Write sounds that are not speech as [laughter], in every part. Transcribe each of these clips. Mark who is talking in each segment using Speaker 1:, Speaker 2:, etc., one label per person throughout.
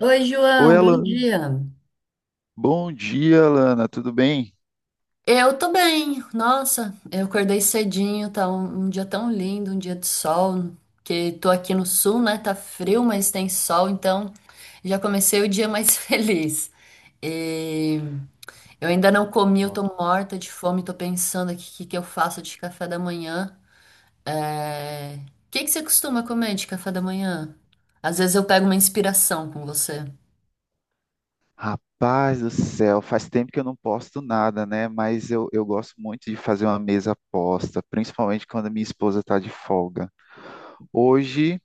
Speaker 1: Oi,
Speaker 2: Oi,
Speaker 1: João, bom
Speaker 2: Alana.
Speaker 1: dia.
Speaker 2: Bom dia, Alana. Tudo bem?
Speaker 1: Eu tô bem, nossa, eu acordei cedinho, tá um dia tão lindo, um dia de sol, que tô aqui no sul, né? Tá frio, mas tem sol, então já comecei o dia mais [laughs] feliz. E eu ainda não comi, eu tô
Speaker 2: Nossa.
Speaker 1: morta de fome, tô pensando aqui o que que eu faço de café da manhã. O que que você costuma comer de café da manhã? Às vezes eu pego uma inspiração com você.
Speaker 2: Rapaz do céu, faz tempo que eu não posto nada, né? Mas eu gosto muito de fazer uma mesa posta, principalmente quando a minha esposa está de folga. Hoje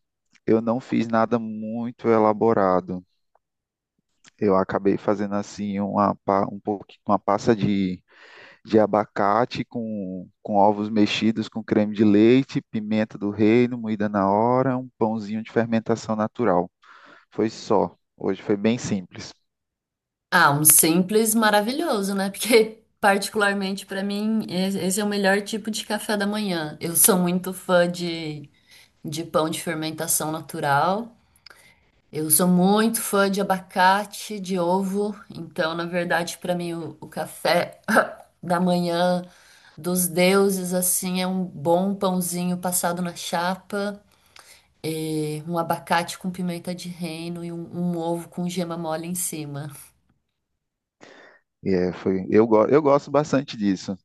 Speaker 2: eu não fiz nada muito elaborado. Eu acabei fazendo assim uma, pa- um pouqui- uma pasta de abacate com ovos mexidos com creme de leite, pimenta do reino, moída na hora, um pãozinho de fermentação natural. Foi só. Hoje foi bem simples.
Speaker 1: Ah, um simples maravilhoso, né? Porque, [laughs] particularmente para mim, esse é o melhor tipo de café da manhã. Eu sou muito fã de pão de fermentação natural. Eu sou muito fã de abacate, de ovo. Então, na verdade, para mim, o café [laughs] [coughs] da manhã dos deuses, assim, é um bom pãozinho passado na chapa, e um abacate com pimenta de reino e um ovo com gema mole em cima.
Speaker 2: Eu gosto bastante disso.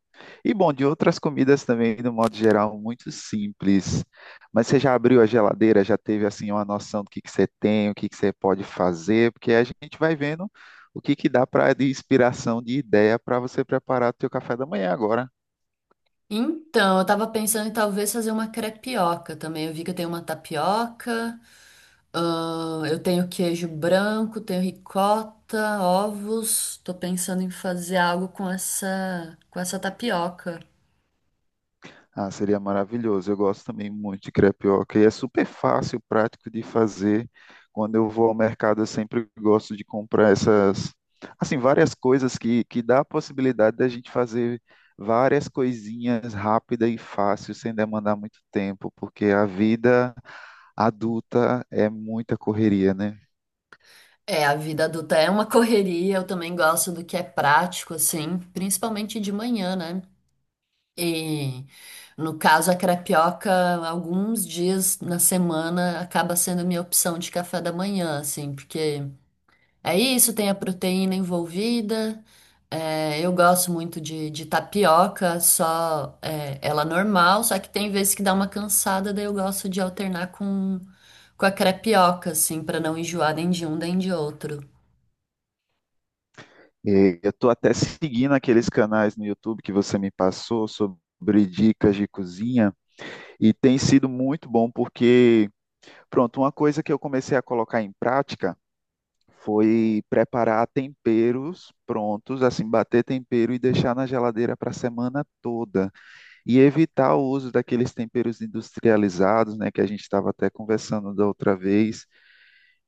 Speaker 2: E bom, de outras comidas também, no modo geral, muito simples. Mas você já abriu a geladeira, já teve assim uma noção do que você tem, o que que você pode fazer, porque a gente vai vendo o que que dá para de inspiração, de ideia para você preparar o seu café da manhã agora.
Speaker 1: Então, eu tava pensando em talvez fazer uma crepioca também. Eu vi que eu tenho uma tapioca, eu tenho queijo branco, tenho ricota, ovos. Tô pensando em fazer algo com com essa tapioca.
Speaker 2: Ah, seria maravilhoso. Eu gosto também muito de crepioca e é super fácil, prático de fazer. Quando eu vou ao mercado, eu sempre gosto de comprar essas, assim, várias coisas que dá a possibilidade da gente fazer várias coisinhas rápida e fácil, sem demandar muito tempo, porque a vida adulta é muita correria, né?
Speaker 1: É, a vida adulta é uma [laughs] correria, eu também gosto do que é prático, assim, principalmente de manhã, né? E no caso, a crepioca, alguns dias na semana acaba sendo minha opção de café da manhã, assim, porque. É isso, tem a proteína envolvida. É, eu gosto muito de tapioca, só é, ela normal, só que tem vezes que dá uma cansada, daí eu gosto de alternar com a crepioca, assim, pra não enjoar nem de um nem de outro.
Speaker 2: E eu estou até seguindo aqueles canais no YouTube que você me passou sobre dicas de cozinha. E tem sido muito bom porque pronto, uma coisa que eu comecei a colocar em prática foi preparar temperos prontos, assim, bater tempero e deixar na geladeira para a semana toda. E evitar o uso daqueles temperos industrializados, né, que a gente estava até conversando da outra vez.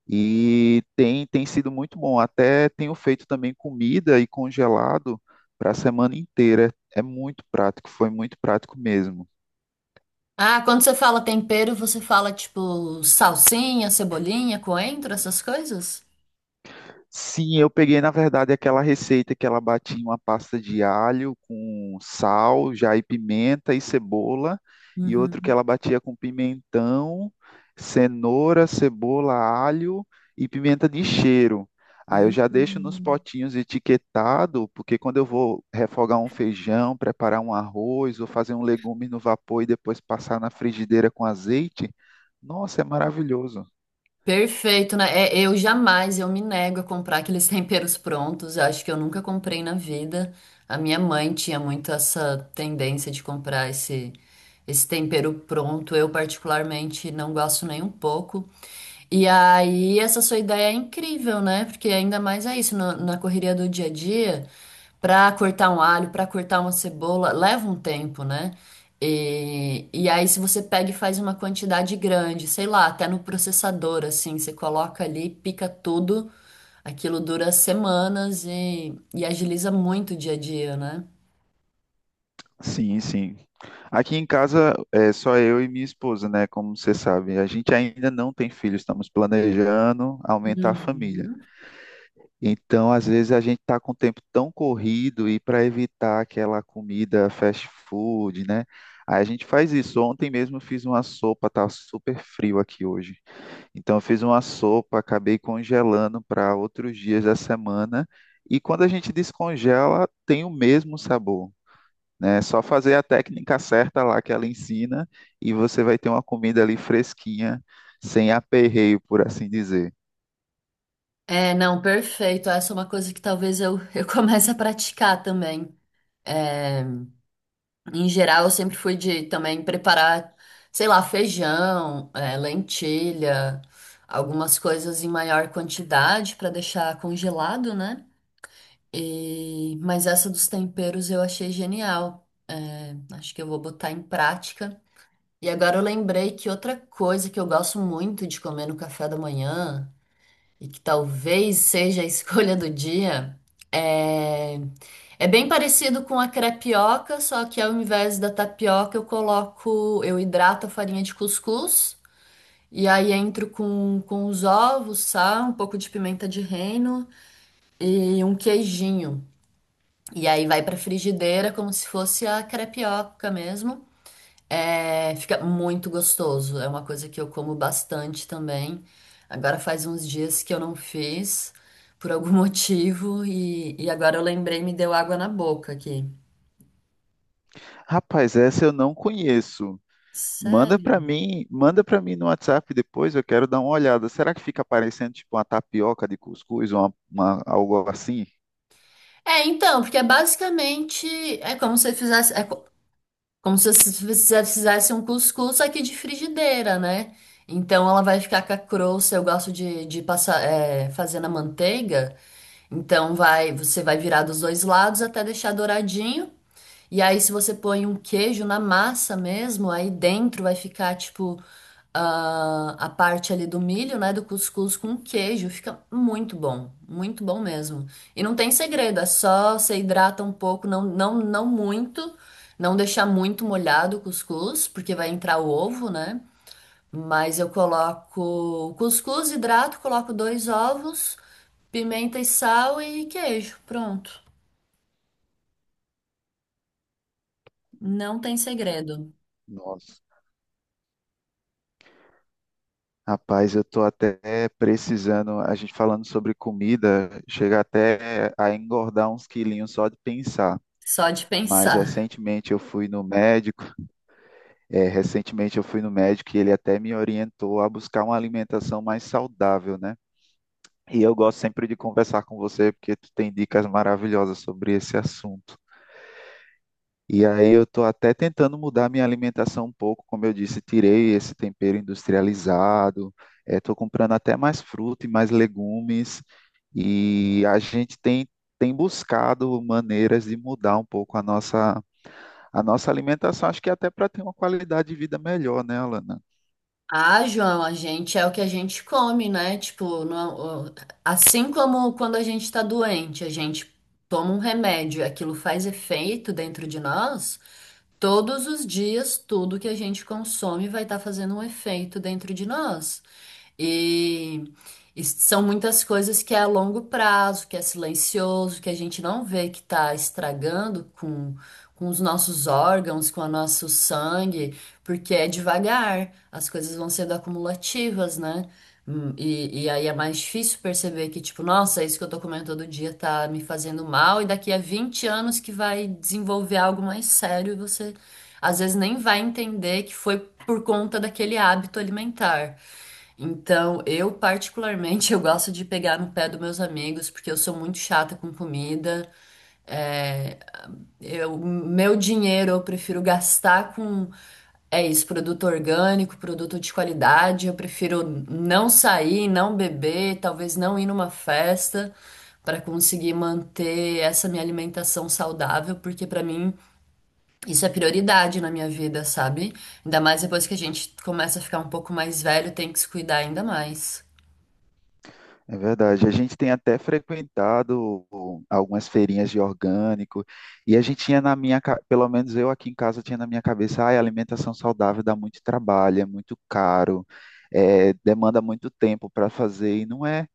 Speaker 2: E tem sido muito bom. Até tenho feito também comida e congelado para a semana inteira. É muito prático, foi muito prático mesmo.
Speaker 1: Ah, quando você fala tempero, você fala tipo salsinha, cebolinha, coentro, essas coisas?
Speaker 2: Sim, eu peguei, na verdade, aquela receita que ela batia uma pasta de alho com sal, já e pimenta e cebola, e outro que
Speaker 1: Uhum.
Speaker 2: ela batia com pimentão, cenoura, cebola, alho e pimenta de cheiro. Aí eu já deixo nos
Speaker 1: Hum.
Speaker 2: potinhos etiquetado, porque quando eu vou refogar um feijão, preparar um arroz ou fazer um legume no vapor e depois passar na frigideira com azeite, nossa, é maravilhoso.
Speaker 1: Perfeito, né? É, eu jamais, eu me nego a comprar aqueles [laughs] temperos prontos. Eu acho que eu nunca comprei na vida. A minha mãe tinha muito essa tendência de comprar esse tempero pronto. Eu, particularmente, não gosto nem um pouco. E aí, essa sua ideia é incrível, né? Porque ainda mais é isso, na correria do dia a dia, para cortar um alho, para cortar uma cebola, leva um tempo, né? E aí, se você pega e faz uma quantidade grande, sei lá, até no processador, assim, você coloca ali, pica tudo, aquilo dura semanas e agiliza muito o dia a dia, né?
Speaker 2: Sim, sim. Aqui em casa é só eu e minha esposa, né? Como você sabe, a gente ainda não tem filho, estamos planejando aumentar a família.
Speaker 1: Uhum.
Speaker 2: Então, às vezes a gente está com o tempo tão corrido e para evitar aquela comida fast food, né? Aí a gente faz isso. Ontem mesmo eu fiz uma sopa, tá super frio aqui hoje. Então, eu fiz uma sopa, acabei congelando para outros dias da semana. E quando a gente descongela, tem o mesmo sabor, né? É só fazer a técnica certa lá que ela ensina e você vai ter uma comida ali fresquinha, sem aperreio, por assim dizer.
Speaker 1: É, não, perfeito. Essa é uma coisa que talvez eu, [laughs] eu comece a praticar também. É, em geral, eu sempre fui de também preparar, sei lá, feijão, lentilha, algumas coisas em maior quantidade para deixar congelado, né? E... Mas essa dos temperos eu achei genial. Acho que eu vou botar em prática. E agora eu lembrei que outra coisa que eu gosto muito de comer no café da manhã, e que talvez seja a escolha do dia, é, é bem parecido com a crepioca, só que ao invés da tapioca eu coloco, eu hidrato a farinha de cuscuz e aí entro com os ovos, sal, um pouco de pimenta de reino e um queijinho. E aí vai pra frigideira como se fosse a crepioca mesmo. É, fica muito gostoso. É uma coisa que eu como bastante também. Agora faz uns dias que eu não fiz, por algum [laughs] motivo, e agora eu lembrei, me deu água na boca aqui.
Speaker 2: Rapaz, essa eu não conheço. Manda para
Speaker 1: Sério?
Speaker 2: mim, manda para mim no WhatsApp depois, eu quero dar uma olhada. Será que fica parecendo tipo uma tapioca de cuscuz ou algo assim?
Speaker 1: É, então, porque é basicamente é como se fizesse, como se você fizesse um cuscuz aqui de frigideira, né? Então ela vai ficar com a crosta. Eu gosto de passar, é, fazer na manteiga. Então vai, você vai virar dos dois lados até deixar douradinho. E aí, se você põe um queijo na massa mesmo, aí dentro vai ficar, tipo, a parte ali do milho, né? Do cuscuz com queijo. Fica muito bom. Muito bom mesmo. E não tem segredo, é só você hidrata um pouco, não, não, não muito. Não deixar muito molhado o cuscuz, porque vai entrar o ovo, né? Mas eu coloco o cuscuz, hidrato, coloco dois ovos, pimenta e sal e queijo. Pronto. Não tem segredo.
Speaker 2: Nossa. Rapaz, eu tô até precisando, a gente falando sobre comida, chega até a engordar uns quilinhos só de pensar.
Speaker 1: Só de [laughs]
Speaker 2: Mas
Speaker 1: pensar.
Speaker 2: recentemente eu fui no médico Recentemente eu fui no médico e ele até me orientou a buscar uma alimentação mais saudável, né? E eu gosto sempre de conversar com você porque tu tem dicas maravilhosas sobre esse assunto. E aí eu estou até tentando mudar minha alimentação um pouco, como eu disse, tirei esse tempero industrializado, estou comprando até mais fruta e mais legumes, e tem buscado maneiras de mudar um pouco a nossa alimentação, acho que até para ter uma qualidade de vida melhor, né, Alana?
Speaker 1: Ah, João, a gente é o que a gente come, né? Tipo, assim como quando a gente tá doente, a gente toma um remédio, e aquilo faz efeito dentro de nós. Todos os dias, tudo que a gente consome vai estar fazendo um efeito dentro de nós. E, e são muitas coisas que é a longo prazo, que é silencioso, que a gente não vê que está estragando com os nossos órgãos, com o nosso sangue, porque é devagar, as coisas vão sendo acumulativas, né? Hum. E aí é mais difícil perceber que, tipo, nossa, isso que eu tô comendo todo dia tá me fazendo mal, e daqui a 20 anos que vai desenvolver algo mais sério, e você às vezes nem vai entender que foi por conta daquele hábito alimentar. Então, eu particularmente [laughs] eu gosto de pegar no pé dos meus amigos porque eu sou muito chata com comida. Eu, meu dinheiro eu prefiro gastar com é isso, produto orgânico, produto de qualidade. Eu prefiro não sair, não beber, talvez não ir numa festa para conseguir manter essa minha alimentação saudável, porque para mim isso é prioridade na minha vida, sabe? Ainda mais depois que a gente começa a ficar um pouco mais velho, tem que se cuidar ainda mais.
Speaker 2: É verdade. A gente tem até frequentado algumas feirinhas de orgânico e a gente tinha na minha, ca- pelo menos eu aqui em casa tinha na minha cabeça, ah, alimentação saudável dá muito trabalho, é muito caro, é, demanda muito tempo para fazer e não é.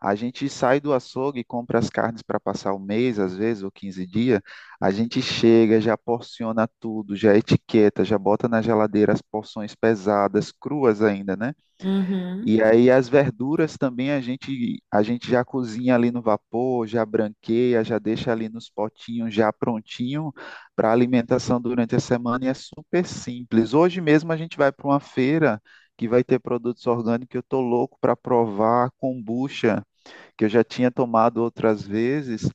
Speaker 2: A gente sai do açougue e compra as carnes para passar o mês, às vezes, ou 15 dias. A gente chega, já porciona tudo, já etiqueta, já bota na geladeira as porções pesadas, cruas ainda, né?
Speaker 1: Uhum.
Speaker 2: E aí as verduras também a gente já cozinha ali no vapor, já branqueia, já deixa ali nos potinhos já prontinho para alimentação durante a semana e é super simples. Hoje mesmo a gente vai para uma feira que vai ter produtos orgânicos, eu tô louco para provar a kombucha, que eu já tinha tomado outras vezes,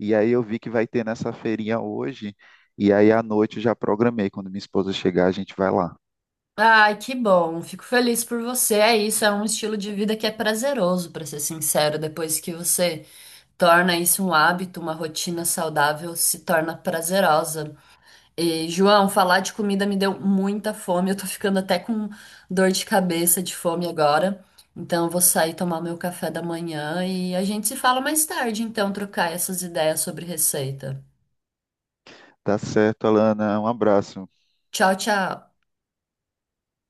Speaker 2: e aí eu vi que vai ter nessa feirinha hoje, e aí à noite eu já programei, quando minha esposa chegar a gente vai lá.
Speaker 1: Ai, que bom. Fico feliz por você. É isso, é um estilo de vida que é prazeroso, para ser sincero. Depois que você torna isso um hábito, uma rotina saudável, se torna prazerosa. E, João, falar de comida me deu muita fome. Eu tô ficando até com dor de cabeça de fome agora. Então, eu vou sair tomar meu café da manhã e a gente se fala mais tarde, então, trocar essas ideias sobre receita.
Speaker 2: Tá certo, Alana, um abraço.
Speaker 1: Tchau, tchau.